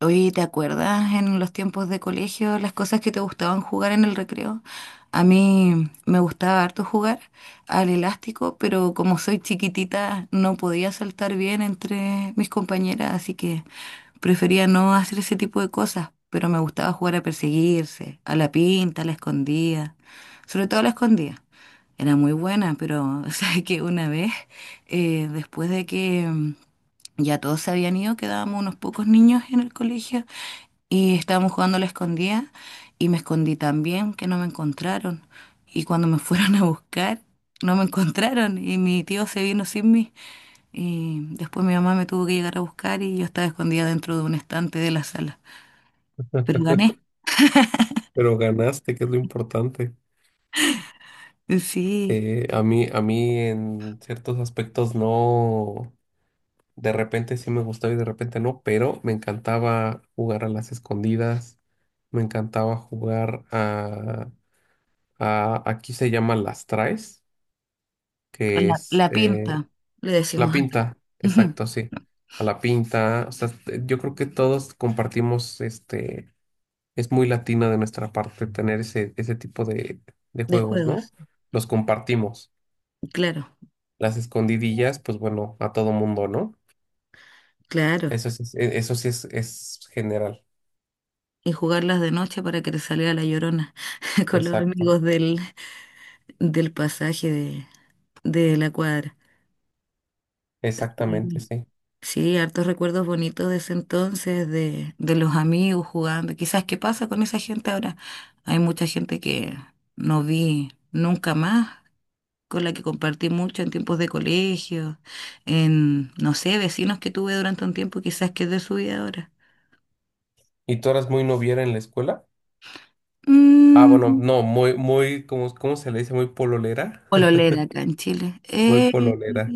Oye, ¿te acuerdas en los tiempos de colegio las cosas que te gustaban jugar en el recreo? A mí me gustaba harto jugar al elástico, pero como soy chiquitita no podía saltar bien entre mis compañeras, así que prefería no hacer ese tipo de cosas, pero me gustaba jugar a perseguirse, a la pinta, a la escondida, sobre todo a la escondida. Era muy buena, pero sabes que una vez, después de que ya todos se habían ido, quedábamos unos pocos niños en el colegio y estábamos jugando a la escondida y me escondí también, que no me encontraron. Y cuando me fueron a buscar, no me encontraron y mi tío se vino sin mí. Y después mi mamá me tuvo que llegar a buscar y yo estaba escondida dentro de un estante de la sala. Pero gané, Pero ganaste, que es lo importante. sí, A mí, a mí en ciertos aspectos no, de repente sí me gustaba y de repente no, pero me encantaba jugar a las escondidas, me encantaba jugar a aquí se llama las traes, con que la, es la pinta, le la decimos acá, pinta, ujú, exacto, sí, a la pinta. O sea, yo creo que todos compartimos este es muy latina de nuestra parte tener ese tipo de de juegos, ¿no? juegos, Los compartimos. claro, Las escondidillas, pues bueno, a todo mundo, ¿no? claro. Eso sí, eso sí es general. Y jugarlas de noche para que te saliera la llorona con los Exacto, amigos del pasaje de la cuadra. exactamente, Y sí. sí, hartos recuerdos bonitos de ese entonces, de los amigos jugando. Quizás, ¿qué pasa con esa gente ahora? Hay mucha gente que no vi nunca más, con la que compartí mucho en tiempos de colegio, no sé, vecinos que tuve durante un tiempo, quizás que es de su vida ahora. ¿Y tú eras muy noviera en la escuela? Ah, bueno, Mm, no, muy, ¿cómo, cómo se le dice? Muy pololera. pololera acá en Chile. Muy pololera.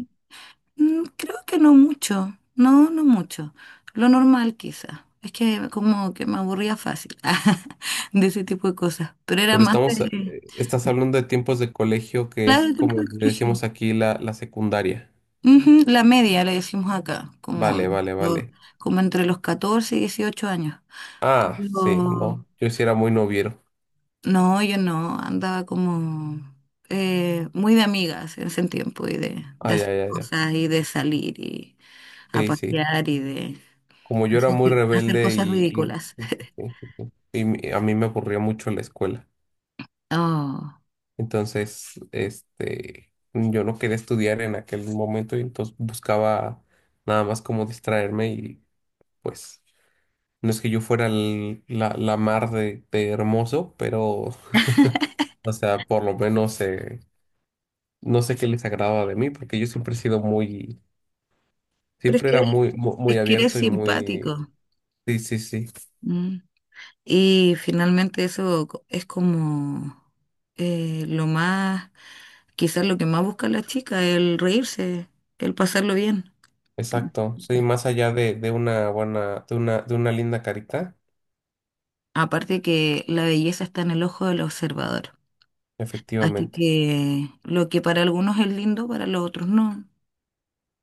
Creo que no mucho, no mucho. Lo normal quizá. Es que como que me aburría fácil de ese tipo de cosas. Pero era Pero más estamos, eh, de, estás hablando de tiempos de colegio que claro, es el tiempo como de le decimos colegio. aquí la secundaria. Ujú, la media le decimos acá, Vale, vale, lo- vale. como entre los 14 y 18 años. Ah, sí, Pero no, yo sí era muy noviero. no, yo no, andaba como muy de amigas en ese tiempo y de, Ah, de ya, hacer ya, ya. cosas y de salir y a Sí, sí. pasear y de Como yo era muy hacer rebelde cosas ridículas. Sí, sí, sí. A mí me aburría mucho la escuela. Oh, Entonces, este, yo no quería estudiar en aquel momento y entonces buscaba nada más como distraerme y pues no es que yo fuera la mar de hermoso, pero, o sea, por lo menos no sé qué les agradaba de mí porque yo siempre he sido muy, pero es siempre que era eres, es muy que eres abierto y muy, simpático. sí, sí, sí. Mm. Y finalmente eso es como lo más, quizás lo que más busca la chica, el reírse, el pasarlo bien. Exacto, sí, más allá de una buena, de una linda carita, Aparte que la belleza está en el ojo del observador. Así efectivamente. que lo que para algunos es lindo, para los otros no.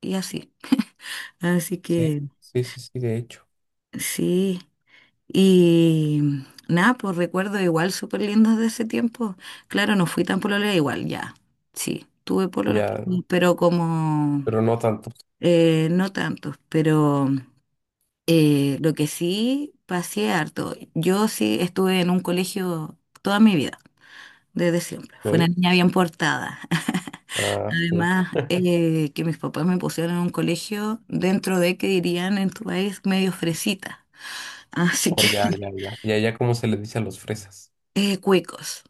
Y así. Así Sí, que sí, sí, sí, de hecho. sí. Y nada, pues recuerdo igual súper lindos de ese tiempo. Claro, no fui tan pololera, igual ya. Sí, tuve pololos, Ya, pero como pero no tanto. No tantos. Pero lo que sí pasé harto. Yo sí estuve en un colegio toda mi vida, desde siempre. Fui una ¿Ok? niña bien portada. Ah, sí. Además, que mis papás me pusieron en un colegio dentro de, que dirían en tu país, medio fresita. Así O que, ya, ya, ya. Ya, ya, ¿como se le dice a los fresas? Cuecos.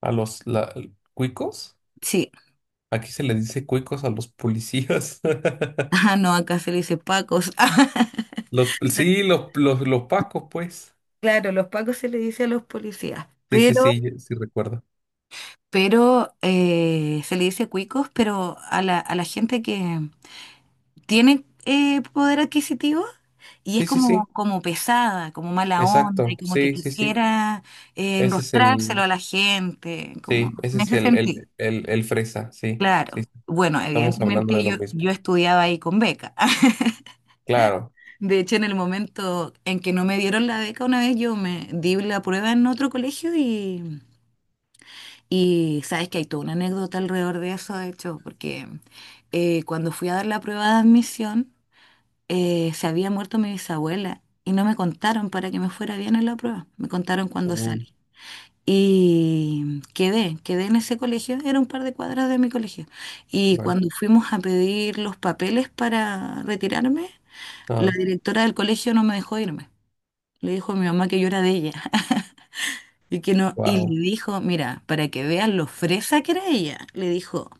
A los la- Cuicos. Sí, Aquí se le dice cuicos a los policías. ah, no, acá se le dice pacos. Los, sí, los pacos, pues. Claro, los pacos se le dice a los policías, Sí, sí, pero, sí, sí recuerdo. pero eh, se le dice cuicos, pero a la gente que tiene poder adquisitivo y es Sí, sí, como, sí. como pesada, como mala onda y Exacto. como que Sí, sí, sí. quisiera Ese es enrostrárselo el. a la gente, como Sí, ese en es ese sentido, el fresa, sí, sí, claro. sí, Bueno, estamos hablando evidentemente de yo, lo mismo. yo estudiaba ahí con beca. Claro. De hecho, en el momento en que no me dieron la beca una vez, yo me di la prueba en otro colegio y sabes que hay toda una anécdota alrededor de eso, de hecho, porque cuando fui a dar la prueba de admisión, se había muerto mi bisabuela y no me contaron para que me fuera bien en la prueba, me contaron cuando Uh, salí. Y quedé en ese colegio, era un par de cuadras de mi colegio. Y vale. cuando fuimos a pedir los papeles para retirarme, la Ah, directora del colegio no me dejó irme. Le dijo a mi mamá que yo era de ella. Y que no, y wow. le dijo, mira, para que vean lo fresa que era ella, le dijo,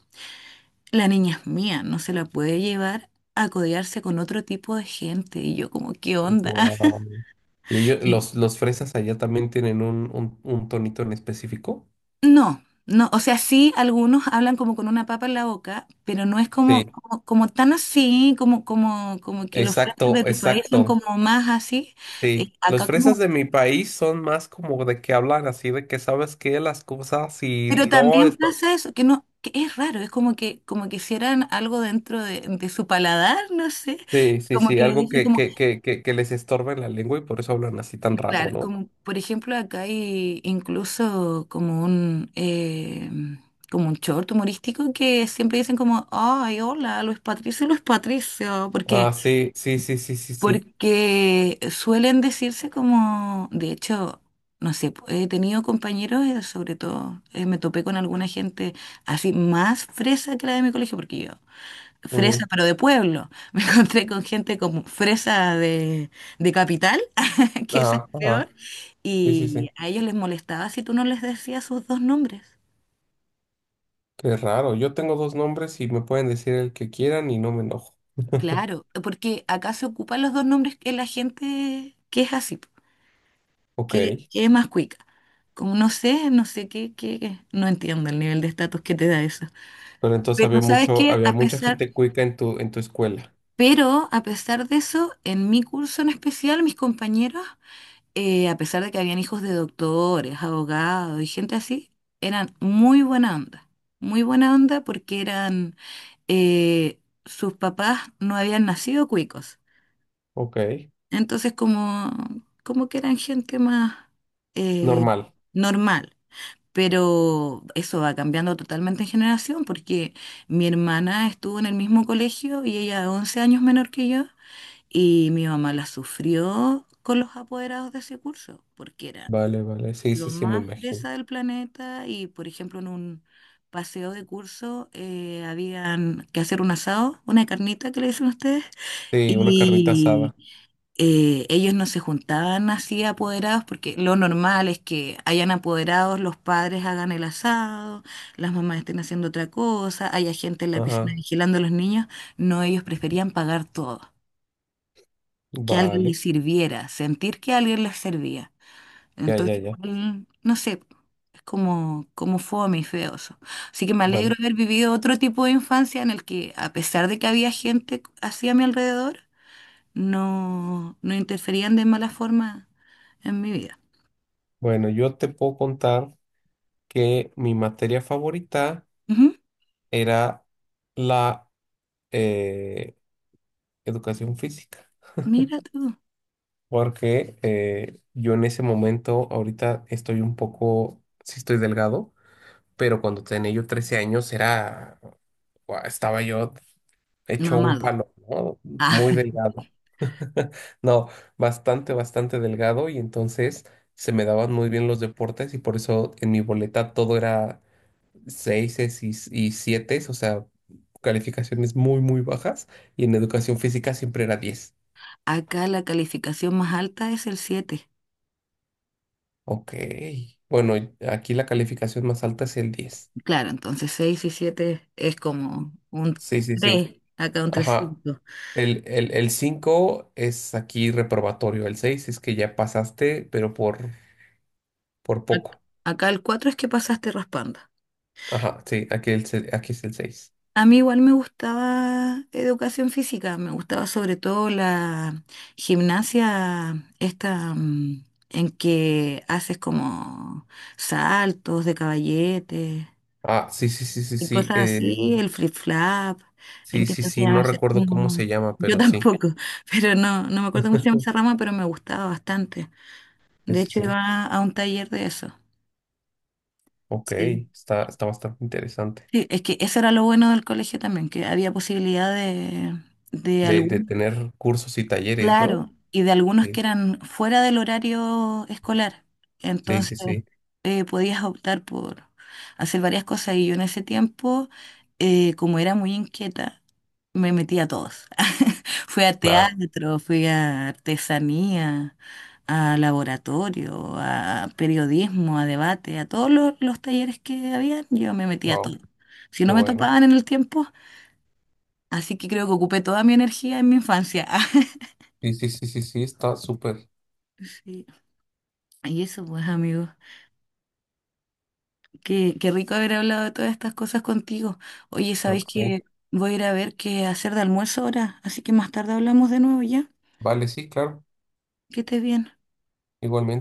la niña es mía, no se la puede llevar a codearse con otro tipo de gente. Y yo como, ¿qué onda? Wow. ¿Y ellos, Y los fresas allá también tienen un tonito en específico? no, no, o sea, sí, algunos hablan como con una papa en la boca, pero no es como, Sí, como, como tan así, como que los frases exacto, de tu país son exacto. como más así. Sí. Los Acá fresas como de mi país son más como de que hablan así, de que sabes que las cosas y Pero no también está- pasa eso, que no, que es raro, es como que, hicieran algo dentro de su paladar, no sé. Sí, sí, Como sí, que algo dicen como, que les estorba en la lengua y por eso hablan así tan raro, claro, ¿no? como por ejemplo acá hay incluso como un short humorístico que siempre dicen como, ay, hola, Luis Patricio, Luis Patricio, porque Ah, sí, sí, sí, sí, sí, sí. Porque suelen decirse como, de hecho, no sé, he tenido compañeros, sobre todo, me topé con alguna gente así más fresa que la de mi colegio, porque yo, fresa Mm. pero de pueblo, me encontré con gente como fresa de capital, que esa es Ajá, peor, ajá. Sí, sí, y sí. a ellos les molestaba si tú no les decías sus dos nombres. Qué raro. Yo tengo dos nombres y me pueden decir el que quieran y no me enojo. Claro, porque acá se ocupan los dos nombres que la gente que es así. Ok. ¿Qué es más cuica? Como no sé qué. No entiendo el nivel de estatus que te da eso. Pero entonces había Pero sabes mucho, qué, había a mucha pesar, gente cuica en en tu escuela. pero a pesar de eso, en mi curso en especial, mis compañeros, a pesar de que habían hijos de doctores, abogados y gente así, eran muy buena onda. Muy buena onda porque eh, sus papás no habían nacido cuicos. Ok. Entonces como, como que eran gente más eh, Normal. normal. Pero eso va cambiando totalmente en generación porque mi hermana estuvo en el mismo colegio y ella es 11 años menor que yo y mi mamá la sufrió con los apoderados de ese curso porque era Vale, vale. Sí, lo sí, sí, me más imagino. fresa del planeta y por ejemplo en un paseo de curso habían que hacer un asado, una carnita que le dicen ustedes. Sí, una carnita Y asada. Ellos no se juntaban así apoderados porque lo normal es que hayan apoderados, los padres hagan el asado, las mamás estén haciendo otra cosa, haya gente en la piscina Ajá. vigilando a los niños. No, ellos preferían pagar todo, que alguien Vale. les sirviera, sentir que alguien les servía. Ya, ya, Entonces, ya. igual, no sé, es como, como fome y feo eso. Así que me alegro Vale. de haber vivido otro tipo de infancia en el que, a pesar de que había gente así a mi alrededor, no, no interferían de mala forma en mi vida. Bueno, yo te puedo contar que mi materia favorita Ujú, era la eh, educación física. mira tú, Porque yo en ese momento, ahorita estoy un poco, sí estoy delgado, pero cuando tenía yo 13 años era, guau, estaba yo hecho un mamado. palo, ¿no? Ah, Muy delgado. No, bastante delgado y entonces se me daban muy bien los deportes y por eso en mi boleta todo era seises y sietes, o sea, calificaciones muy bajas y en educación física siempre era 10. acá la calificación más alta es el siete. Ok. Bueno, y aquí la calificación más alta es el 10. Claro, entonces 6 y 7 es como un Sí, sí, sí. 3 acá un Ajá. 3,5. El 5 es aquí reprobatorio. El 6 es que ya pasaste, pero por Ac- poco. Acá el 4 es que pasaste raspando. Ajá, sí, aquí, aquí es el 6. A mí igual me gustaba educación física, me gustaba sobre todo la gimnasia esta en que haces como saltos de caballete Ah, sí, sí, sí, sí, y sí. cosas así, el flip flap, en sí, que sí, te sí, hacían no hacer recuerdo cómo como. se llama, Yo pero sí. tampoco, pero no me acuerdo cómo se llama esa rama, pero me gustaba bastante. Sí, De sí, hecho, sí. iba a un taller de eso. Ok, Sí, está bastante interesante. sí, es que eso era lo bueno del colegio también, que había posibilidad de De algún tener cursos y talleres, ¿no? Claro, y de algunos que Sí, eran fuera del horario escolar. sí, Entonces, sí, sí. Podías optar por hacer varias cosas. Y yo en ese tiempo, como era muy inquieta, me metí a todos. Fui a Claro. teatro, fui a artesanía, a laboratorio, a periodismo, a debate, a todos los talleres que había, yo me metí a todo. Wow, Si qué no me bueno. topaban en el tiempo, así que creo que ocupé toda mi energía en mi infancia. Sí, sí, sí, sí, sí, está súper. Sí. Y eso, pues, amigos. Qué, qué rico haber hablado de todas estas cosas contigo. Oye, Claro ¿sabéis que sí. que voy a ir a ver qué hacer de almuerzo ahora? Así que más tarde hablamos de nuevo ya. Vale, sí, claro. Que estés bien. Igualmente.